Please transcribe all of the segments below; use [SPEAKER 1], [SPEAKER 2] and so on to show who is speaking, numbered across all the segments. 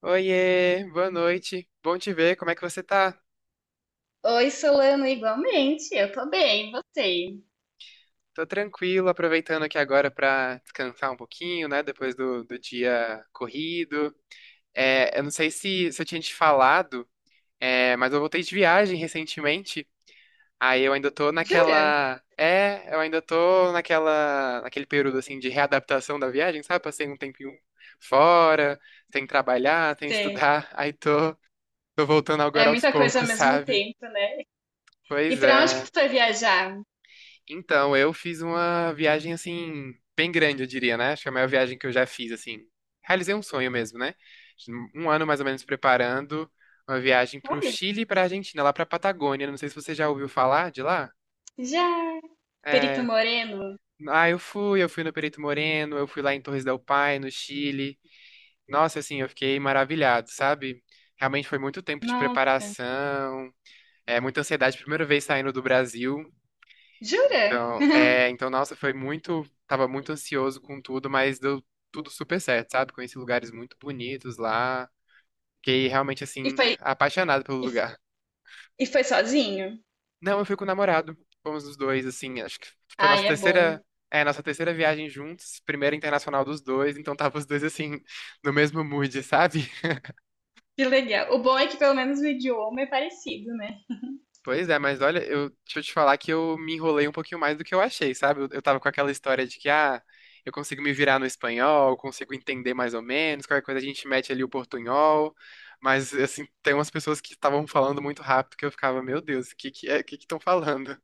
[SPEAKER 1] Oiê, boa noite. Bom te ver, como é que você tá?
[SPEAKER 2] Oi, Solano, igualmente. Eu tô bem, e você?
[SPEAKER 1] Tô tranquilo, aproveitando aqui agora pra descansar um pouquinho, né? Depois do dia corrido. É, eu não sei se eu tinha te falado, mas eu voltei de viagem recentemente. Aí eu ainda tô
[SPEAKER 2] Jura?
[SPEAKER 1] naquela. Eu ainda tô naquele período assim de readaptação da viagem, sabe? Passei um tempinho fora, tem que trabalhar, tem que
[SPEAKER 2] Sim.
[SPEAKER 1] estudar. Tô voltando
[SPEAKER 2] É
[SPEAKER 1] agora aos
[SPEAKER 2] muita coisa ao
[SPEAKER 1] poucos,
[SPEAKER 2] mesmo
[SPEAKER 1] sabe?
[SPEAKER 2] tempo, né? E
[SPEAKER 1] Pois
[SPEAKER 2] pra onde
[SPEAKER 1] é.
[SPEAKER 2] que tu vai viajar?
[SPEAKER 1] Então, eu fiz uma viagem assim, bem grande, eu diria, né? Acho que a maior viagem que eu já fiz, assim. Realizei um sonho mesmo, né? Um ano mais ou menos preparando uma viagem pro
[SPEAKER 2] Olha,
[SPEAKER 1] Chile e pra Argentina, lá pra Patagônia. Não sei se você já ouviu falar de lá.
[SPEAKER 2] já. Perito
[SPEAKER 1] É.
[SPEAKER 2] Moreno?
[SPEAKER 1] Ah, eu fui no Perito Moreno, eu fui lá em Torres del Paine, no Chile. Nossa, assim, eu fiquei maravilhado, sabe? Realmente foi muito tempo de
[SPEAKER 2] Nossa,
[SPEAKER 1] preparação, muita ansiedade, primeira vez saindo do Brasil.
[SPEAKER 2] jura?
[SPEAKER 1] Então, nossa, tava muito ansioso com tudo, mas deu tudo super certo, sabe? Conheci lugares muito bonitos lá, fiquei realmente,
[SPEAKER 2] E
[SPEAKER 1] assim,
[SPEAKER 2] foi,
[SPEAKER 1] apaixonado pelo lugar.
[SPEAKER 2] e foi sozinho?
[SPEAKER 1] Não, eu fui com o namorado, fomos os dois, assim, acho que foi a nossa
[SPEAKER 2] Ai, é bom.
[SPEAKER 1] terceira, é, nossa terceira viagem juntos, primeira internacional dos dois, então tava os dois, assim, no mesmo mood, sabe?
[SPEAKER 2] Que legal. O bom é que pelo menos o idioma é parecido, né?
[SPEAKER 1] Pois é, mas olha, deixa eu te falar que eu me enrolei um pouquinho mais do que eu achei, sabe? Eu tava com aquela história de que, eu consigo me virar no espanhol, consigo entender mais ou menos, qualquer coisa a gente mete ali o portunhol, mas, assim, tem umas pessoas que estavam falando muito rápido que eu ficava, meu Deus, o que que estão falando?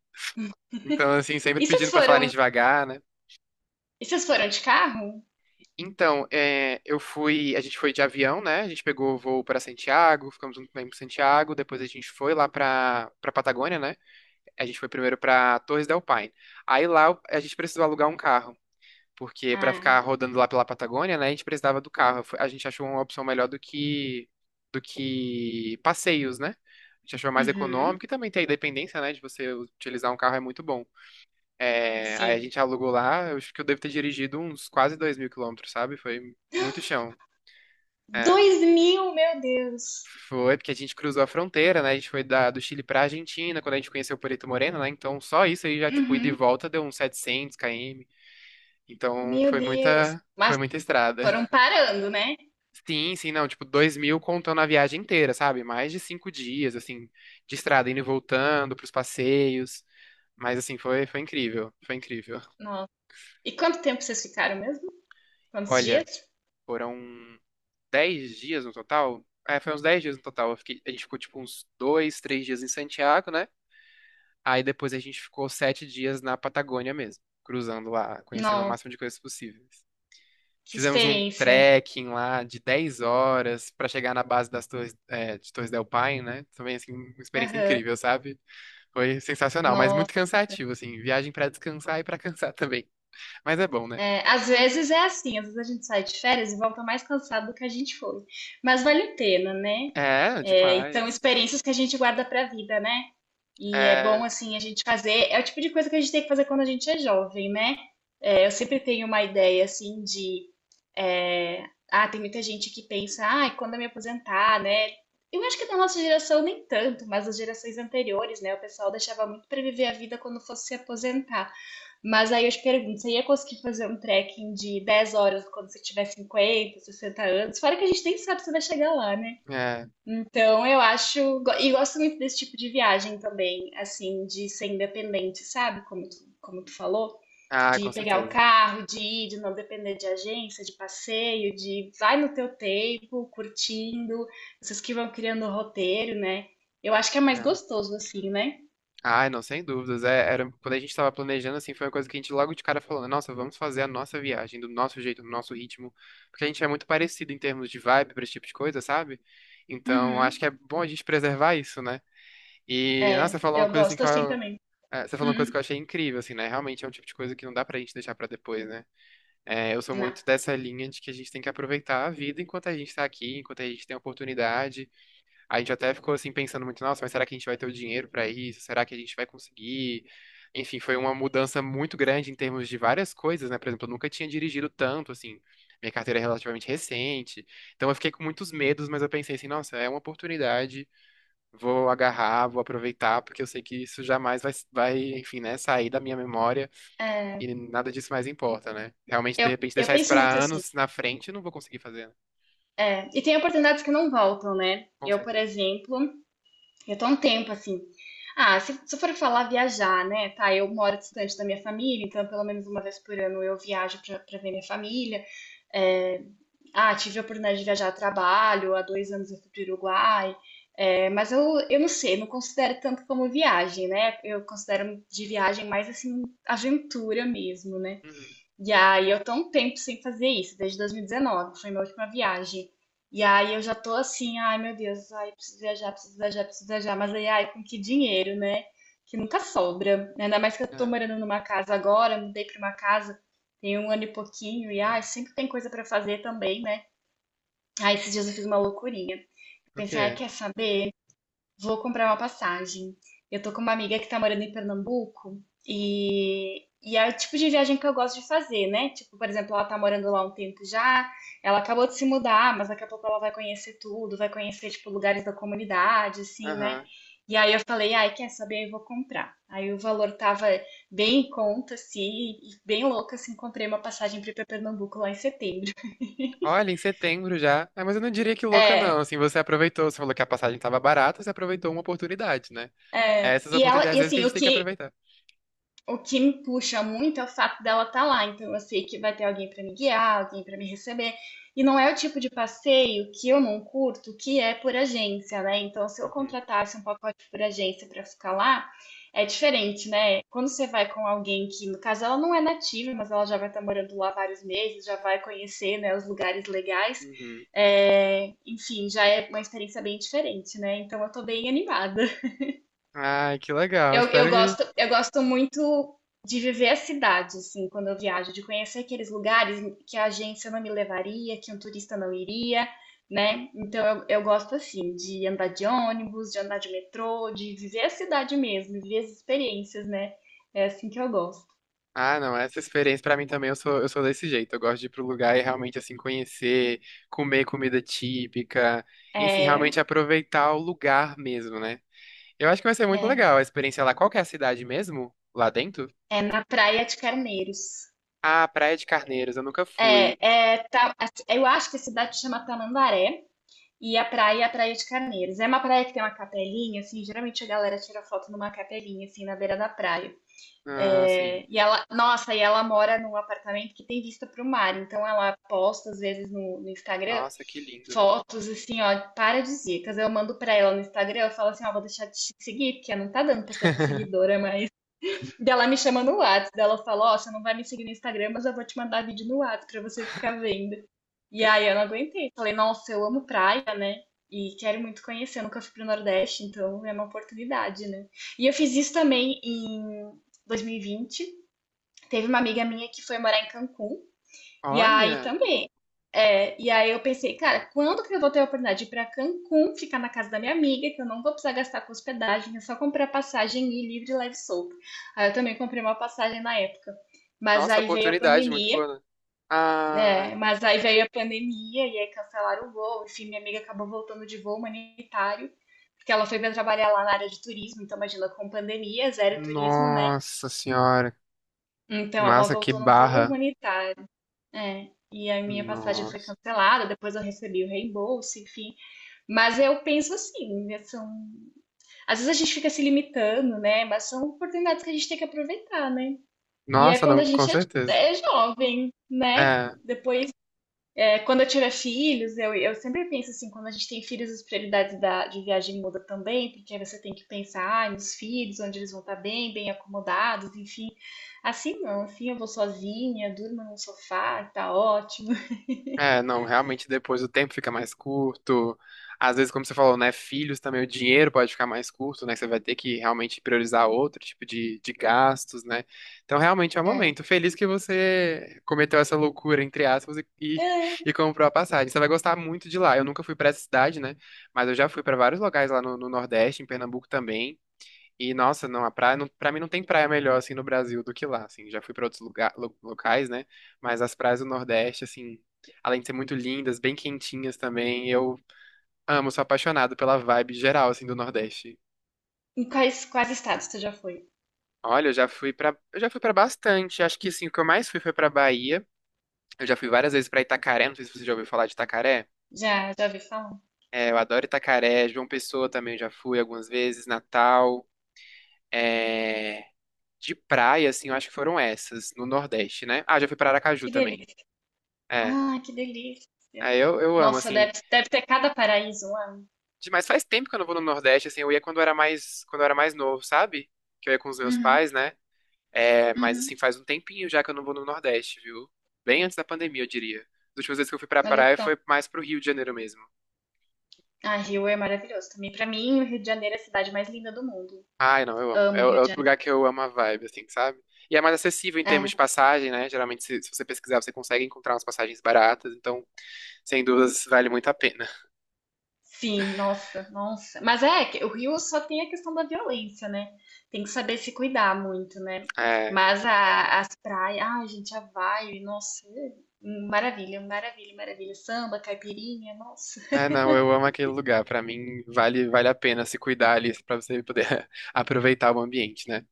[SPEAKER 1] Então, assim, sempre
[SPEAKER 2] E vocês
[SPEAKER 1] pedindo pra falarem
[SPEAKER 2] foram,
[SPEAKER 1] devagar, né?
[SPEAKER 2] e vocês foram de carro?
[SPEAKER 1] Então, a gente foi de avião, né? A gente pegou o voo pra Santiago, ficamos um tempo em Santiago, depois a gente foi lá pra para Patagônia, né? A gente foi primeiro pra Torres del Paine. Aí lá a gente precisou alugar um carro, porque pra
[SPEAKER 2] Ah,
[SPEAKER 1] ficar rodando lá pela Patagônia, né, a gente precisava do carro. A gente achou uma opção melhor do que passeios, né? A gente achou mais
[SPEAKER 2] uhum,
[SPEAKER 1] econômico e também tem a independência, né, de você utilizar um carro é muito bom. É, aí a
[SPEAKER 2] sim.
[SPEAKER 1] gente alugou lá, eu acho que eu devo ter dirigido uns quase 2.000 quilômetros, sabe? Foi muito chão. É.
[SPEAKER 2] Dois mil, meu Deus.
[SPEAKER 1] Foi, porque a gente cruzou a fronteira, né? A gente foi do Chile pra Argentina, quando a gente conheceu Perito Moreno, né? Então, só isso aí já, tipo, ida e
[SPEAKER 2] Uhum,
[SPEAKER 1] volta deu uns 700 km. Então,
[SPEAKER 2] meu
[SPEAKER 1] foi
[SPEAKER 2] Deus.
[SPEAKER 1] muita, foi
[SPEAKER 2] Mas
[SPEAKER 1] muita estrada.
[SPEAKER 2] foram parando, né?
[SPEAKER 1] Sim, sim, não, tipo, 2.000 contando a viagem inteira, sabe? Mais de 5 dias, assim, de estrada, indo e voltando, pros passeios. Mas, assim, foi incrível, foi incrível.
[SPEAKER 2] E quanto tempo vocês ficaram mesmo? Quantos
[SPEAKER 1] Olha,
[SPEAKER 2] dias?
[SPEAKER 1] foram 10 dias no total. Foi uns 10 dias no total. A gente ficou, tipo, uns 2, 3 dias em Santiago, né? Aí depois a gente ficou 7 dias na Patagônia mesmo, cruzando lá, conhecendo o
[SPEAKER 2] Nossa,
[SPEAKER 1] máximo de coisas possíveis.
[SPEAKER 2] que
[SPEAKER 1] Fizemos um
[SPEAKER 2] experiência.
[SPEAKER 1] trekking lá de 10 horas pra chegar na base das Torres, de Torres del Paine, né? Também, assim, uma experiência
[SPEAKER 2] Aham.
[SPEAKER 1] incrível, sabe? Foi sensacional, mas
[SPEAKER 2] Nossa.
[SPEAKER 1] muito cansativo, assim. Viagem pra descansar e pra cansar também. Mas é bom, né?
[SPEAKER 2] É, às vezes é assim, às vezes a gente sai de férias e volta mais cansado do que a gente foi. Mas vale a pena, né?
[SPEAKER 1] É,
[SPEAKER 2] É, e são
[SPEAKER 1] demais.
[SPEAKER 2] experiências que a gente guarda pra vida, né? E é bom,
[SPEAKER 1] É,
[SPEAKER 2] assim, a gente fazer. É o tipo de coisa que a gente tem que fazer quando a gente é jovem, né? É, eu sempre tenho uma ideia, assim, de. É, ah, tem muita gente que pensa, ah, quando eu me aposentar, né? Eu acho que da nossa geração nem tanto, mas as gerações anteriores, né? O pessoal deixava muito para viver a vida quando fosse se aposentar. Mas aí eu te pergunto, você ia conseguir fazer um trekking de 10 horas quando você tiver 50, 60 anos? Fora que a gente nem sabe se vai chegar lá, né?
[SPEAKER 1] é.
[SPEAKER 2] Então, eu acho. E gosto muito desse tipo de viagem também, assim, de ser independente, sabe? Como tu falou,
[SPEAKER 1] Ah,
[SPEAKER 2] de
[SPEAKER 1] com
[SPEAKER 2] pegar o
[SPEAKER 1] certeza.
[SPEAKER 2] carro, de ir, de não depender de agência, de passeio, de vai no teu tempo, curtindo, vocês que vão criando o roteiro, né? Eu acho que é mais
[SPEAKER 1] É.
[SPEAKER 2] gostoso assim, né?
[SPEAKER 1] Ah, não, sem dúvidas. Quando a gente estava planejando, assim, foi uma coisa que a gente logo de cara falou, nossa, vamos fazer a nossa viagem, do nosso jeito, do nosso ritmo, porque a gente é muito parecido em termos de vibe para esse tipo de coisa, sabe? Então, acho
[SPEAKER 2] Uhum.
[SPEAKER 1] que é bom a gente preservar isso, né? E, nossa, você
[SPEAKER 2] É,
[SPEAKER 1] falou uma
[SPEAKER 2] eu
[SPEAKER 1] coisa assim
[SPEAKER 2] gosto assim também.
[SPEAKER 1] você falou uma coisa que eu
[SPEAKER 2] Uhum.
[SPEAKER 1] achei incrível, assim, né? Realmente é um tipo de coisa que não dá pra gente deixar pra depois, né? É, eu sou
[SPEAKER 2] Não.
[SPEAKER 1] muito dessa linha de que a gente tem que aproveitar a vida enquanto a gente tá aqui, enquanto a gente tem a oportunidade. A gente até ficou assim pensando muito, nossa, mas será que a gente vai ter o dinheiro para isso? Será que a gente vai conseguir? Enfim, foi uma mudança muito grande em termos de várias coisas, né? Por exemplo, eu nunca tinha dirigido tanto, assim. Minha carteira é relativamente recente. Então eu fiquei com muitos medos, mas eu pensei assim, nossa, é uma oportunidade, vou agarrar, vou aproveitar, porque eu sei que isso jamais enfim, né, sair da minha memória
[SPEAKER 2] É,
[SPEAKER 1] e nada disso mais importa, né? Realmente, de
[SPEAKER 2] Eu
[SPEAKER 1] repente,
[SPEAKER 2] eu
[SPEAKER 1] deixar isso
[SPEAKER 2] penso
[SPEAKER 1] para
[SPEAKER 2] muito assim.
[SPEAKER 1] anos na frente, eu não vou conseguir fazer, né?
[SPEAKER 2] É, e tem oportunidades que não voltam, né?
[SPEAKER 1] Com
[SPEAKER 2] Eu, por
[SPEAKER 1] certeza.
[SPEAKER 2] exemplo, eu tô há um tempo assim. Ah, se eu for falar viajar, né? Tá, eu moro distante da minha família, então pelo menos uma vez por ano eu viajo pra ver minha família. Ah, tive a oportunidade de viajar a trabalho, há 2 anos eu fui pro Uruguai. É, mas eu não sei, não considero tanto como viagem, né? Eu considero de viagem mais assim, aventura mesmo, né?
[SPEAKER 1] Uhum.
[SPEAKER 2] E aí eu tô um tempo sem fazer isso, desde 2019, foi minha última viagem. E aí eu já tô assim, ai meu Deus, ai preciso viajar, preciso viajar, preciso viajar, mas aí ai com que dinheiro, né? Que nunca sobra. Ainda mais que eu tô
[SPEAKER 1] É.
[SPEAKER 2] morando numa casa agora, mudei pra uma casa tem um ano e pouquinho e ai sempre tem coisa pra fazer também, né? Aí esses dias eu fiz uma loucurinha.
[SPEAKER 1] O que
[SPEAKER 2] Pensei, ai,
[SPEAKER 1] é?
[SPEAKER 2] quer saber? Vou comprar uma passagem. Eu tô com uma amiga que tá morando em Pernambuco e é o tipo de viagem que eu gosto de fazer, né? Tipo, por exemplo, ela tá morando lá um tempo já, ela acabou de se mudar, mas daqui a pouco ela vai conhecer tudo, vai conhecer, tipo, lugares da comunidade, assim, né?
[SPEAKER 1] Aham.
[SPEAKER 2] E aí eu falei, ai, quer saber? Eu vou comprar. Aí o valor tava bem em conta, assim, e bem louca, assim, comprei uma passagem pra ir pra Pernambuco lá em setembro.
[SPEAKER 1] Olha, em setembro já. Ah, mas eu não diria que louca,
[SPEAKER 2] É,
[SPEAKER 1] não. Assim, você aproveitou, você falou que a passagem estava barata, você aproveitou uma oportunidade, né?
[SPEAKER 2] é.
[SPEAKER 1] É essas
[SPEAKER 2] E ela,
[SPEAKER 1] oportunidades às
[SPEAKER 2] e
[SPEAKER 1] vezes que a
[SPEAKER 2] assim,
[SPEAKER 1] gente
[SPEAKER 2] o
[SPEAKER 1] tem que
[SPEAKER 2] que,
[SPEAKER 1] aproveitar.
[SPEAKER 2] o que me puxa muito é o fato dela estar lá, então eu sei que vai ter alguém para me guiar, alguém para me receber. E não é o tipo de passeio que eu não curto, que é por agência, né? Então, se eu
[SPEAKER 1] Uhum,
[SPEAKER 2] contratasse um pacote por agência para ficar lá, é diferente, né? Quando você vai com alguém que, no caso, ela não é nativa, mas ela já vai estar morando lá vários meses, já vai conhecer, né, os lugares legais.
[SPEAKER 1] uhum.
[SPEAKER 2] É, enfim, já é uma experiência bem diferente, né? Então eu tô bem animada.
[SPEAKER 1] Ai, que legal.
[SPEAKER 2] Eu, eu
[SPEAKER 1] Espero que.
[SPEAKER 2] gosto, eu gosto muito de viver a cidade, assim, quando eu viajo, de conhecer aqueles lugares que a agência não me levaria, que um turista não iria, né? Então eu gosto assim de andar de ônibus, de andar de metrô, de viver a cidade mesmo, viver as experiências, né? É assim que eu gosto.
[SPEAKER 1] Ah, não, essa experiência pra mim também, eu sou desse jeito. Eu gosto de ir pro lugar e realmente, assim, conhecer, comer comida típica, enfim,
[SPEAKER 2] É,
[SPEAKER 1] realmente aproveitar o lugar mesmo, né? Eu acho que vai ser muito
[SPEAKER 2] é,
[SPEAKER 1] legal a experiência lá. Qual que é a cidade mesmo? Lá dentro?
[SPEAKER 2] é na Praia de Carneiros.
[SPEAKER 1] Ah, Praia de Carneiros, eu nunca
[SPEAKER 2] É,
[SPEAKER 1] fui.
[SPEAKER 2] é, tá, eu acho que a cidade chama Tamandaré. E a praia é a Praia de Carneiros. É uma praia que tem uma capelinha, assim, geralmente a galera tira foto numa capelinha, assim, na beira da praia.
[SPEAKER 1] Ah,
[SPEAKER 2] É,
[SPEAKER 1] sim.
[SPEAKER 2] e ela, nossa, e ela mora num apartamento que tem vista para o mar, então ela posta, às vezes, no Instagram,
[SPEAKER 1] Nossa, que lindo.
[SPEAKER 2] fotos, assim, ó, paradisíacas. Eu mando pra ela no Instagram, eu falo assim, ó, vou deixar de te seguir, porque não tá dando pra ser tua seguidora, mas... Daí ela me chama no WhatsApp, daí ela fala, ó, você não vai me seguir no Instagram, mas eu vou te mandar vídeo no WhatsApp pra você ficar vendo. E aí eu não aguentei. Falei, nossa, eu amo praia, e quero muito conhecer, eu nunca fui pro Nordeste, então é uma oportunidade, né? E eu fiz isso também em 2020. Teve uma amiga minha que foi morar em Cancún, e aí
[SPEAKER 1] Olha,
[SPEAKER 2] também. É, e aí eu pensei, cara, quando que eu vou ter a oportunidade de ir pra Cancún, ficar na casa da minha amiga, que eu não vou precisar gastar com hospedagem, é só comprar passagem e ir livre, leve e solto. Aí eu também comprei uma passagem na época. Mas
[SPEAKER 1] nossa,
[SPEAKER 2] aí veio a
[SPEAKER 1] oportunidade muito
[SPEAKER 2] pandemia.
[SPEAKER 1] boa, né? Ah,
[SPEAKER 2] É, mas aí veio a pandemia e aí cancelaram o voo. Enfim, minha amiga acabou voltando de voo humanitário, porque ela foi para trabalhar lá na área de turismo. Então, imagina, com pandemia, zero turismo, né?
[SPEAKER 1] nossa senhora.
[SPEAKER 2] Então, ela
[SPEAKER 1] Massa, que
[SPEAKER 2] voltou num voo
[SPEAKER 1] barra.
[SPEAKER 2] humanitário. É, e a minha passagem foi
[SPEAKER 1] Nossa.
[SPEAKER 2] cancelada. Depois, eu recebi o reembolso, enfim. Mas eu penso assim, né, são... Às vezes a gente fica se limitando, né? Mas são oportunidades que a gente tem que aproveitar, né? E é
[SPEAKER 1] Nossa,
[SPEAKER 2] quando a
[SPEAKER 1] não, com
[SPEAKER 2] gente é
[SPEAKER 1] certeza.
[SPEAKER 2] é jovem, né?
[SPEAKER 1] É.
[SPEAKER 2] Depois. É, quando eu tiver filhos, eu sempre penso assim, quando a gente tem filhos, as prioridades da, de viagem mudam também, porque aí você tem que pensar ah, nos filhos, onde eles vão estar bem, bem acomodados, enfim. Assim não, assim eu vou sozinha, durmo num sofá, tá ótimo.
[SPEAKER 1] É, não, realmente depois o tempo fica mais curto. Às vezes, como você falou, né, filhos também, o dinheiro pode ficar mais curto, né? que Você vai ter que realmente priorizar outro tipo de gastos, né? Então, realmente é um
[SPEAKER 2] É.
[SPEAKER 1] momento. Feliz que você cometeu essa loucura, entre aspas, e, e
[SPEAKER 2] É.
[SPEAKER 1] e comprou a passagem. Você vai gostar muito de lá. Eu nunca fui pra essa cidade, né? Mas eu já fui pra vários locais lá no Nordeste, em Pernambuco também. E nossa, não, a praia, não, pra mim não tem praia melhor assim no Brasil do que lá, assim. Já fui pra outros locais, né? Mas as praias do Nordeste, assim, além de ser muito lindas, bem quentinhas também, eu amo, sou apaixonado pela vibe geral assim do Nordeste.
[SPEAKER 2] Em quais estados você já foi?
[SPEAKER 1] Olha, eu já fui pra bastante. Acho que assim, o que eu mais fui foi pra Bahia. Eu já fui várias vezes pra Itacaré, não sei se você já ouviu falar de Itacaré.
[SPEAKER 2] Já, já ouvi falar?
[SPEAKER 1] É, eu adoro Itacaré, João Pessoa também eu já fui algumas vezes, Natal. é, De praia, assim, eu acho que foram essas, no Nordeste, né? Ah, já fui pra Aracaju
[SPEAKER 2] Que
[SPEAKER 1] também.
[SPEAKER 2] delícia.
[SPEAKER 1] É.
[SPEAKER 2] Ah, que delícia.
[SPEAKER 1] É, eu amo,
[SPEAKER 2] Nossa, deve,
[SPEAKER 1] assim.
[SPEAKER 2] deve ter cada paraíso lá.
[SPEAKER 1] Mas faz tempo que eu não vou no Nordeste, assim, eu ia quando eu era mais novo, sabe? Que eu ia com os meus
[SPEAKER 2] Uhum,
[SPEAKER 1] pais, né? É, mas assim,
[SPEAKER 2] uhum.
[SPEAKER 1] faz um tempinho já que eu não vou no Nordeste, viu? Bem antes da pandemia, eu diria. As últimas vezes que eu fui pra
[SPEAKER 2] Olha
[SPEAKER 1] praia
[SPEAKER 2] só.
[SPEAKER 1] foi mais pro Rio de Janeiro mesmo.
[SPEAKER 2] Ah, Rio é maravilhoso também. Pra mim, o Rio de Janeiro é a cidade mais linda do mundo.
[SPEAKER 1] Ai, não, eu amo. É,
[SPEAKER 2] Amo o
[SPEAKER 1] é
[SPEAKER 2] Rio de
[SPEAKER 1] outro
[SPEAKER 2] Janeiro.
[SPEAKER 1] lugar que eu amo a vibe, assim, sabe? E é mais acessível em termos
[SPEAKER 2] É,
[SPEAKER 1] de passagem, né? Geralmente, se você pesquisar, você consegue encontrar umas passagens baratas, então, sem dúvidas, vale muito a pena.
[SPEAKER 2] sim, nossa, nossa. Mas é, que o Rio só tem a questão da violência, né? Tem que saber se cuidar muito, né?
[SPEAKER 1] É,
[SPEAKER 2] Mas as praias, ai, gente, a vibe, nossa, é, maravilha, maravilha, maravilha. Samba, caipirinha, nossa.
[SPEAKER 1] é, não, eu amo aquele lugar. Pra mim, vale a pena se cuidar ali pra você poder aproveitar o ambiente, né?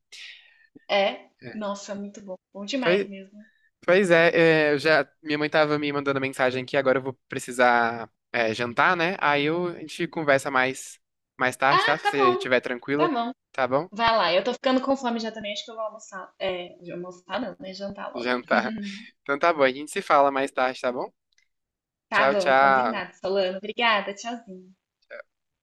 [SPEAKER 2] É,
[SPEAKER 1] É.
[SPEAKER 2] nossa, muito bom. Bom demais
[SPEAKER 1] Pois,
[SPEAKER 2] mesmo.
[SPEAKER 1] pois é, é, eu já, minha mãe tava me mandando mensagem aqui, agora eu vou precisar, jantar, né? Aí a gente conversa mais tarde, tá?
[SPEAKER 2] Ah,
[SPEAKER 1] Se
[SPEAKER 2] tá
[SPEAKER 1] você
[SPEAKER 2] bom,
[SPEAKER 1] estiver
[SPEAKER 2] tá
[SPEAKER 1] tranquila,
[SPEAKER 2] bom.
[SPEAKER 1] tá bom?
[SPEAKER 2] Vai lá, eu tô ficando com fome já também, acho que eu vou almoçar. É, almoçar não, né? Jantar logo.
[SPEAKER 1] Jantar. Então tá bom, a gente se fala mais tarde, tá bom?
[SPEAKER 2] Tá
[SPEAKER 1] Tchau,
[SPEAKER 2] bom,
[SPEAKER 1] tchau.
[SPEAKER 2] combinado, Solano. Obrigada, tchauzinho.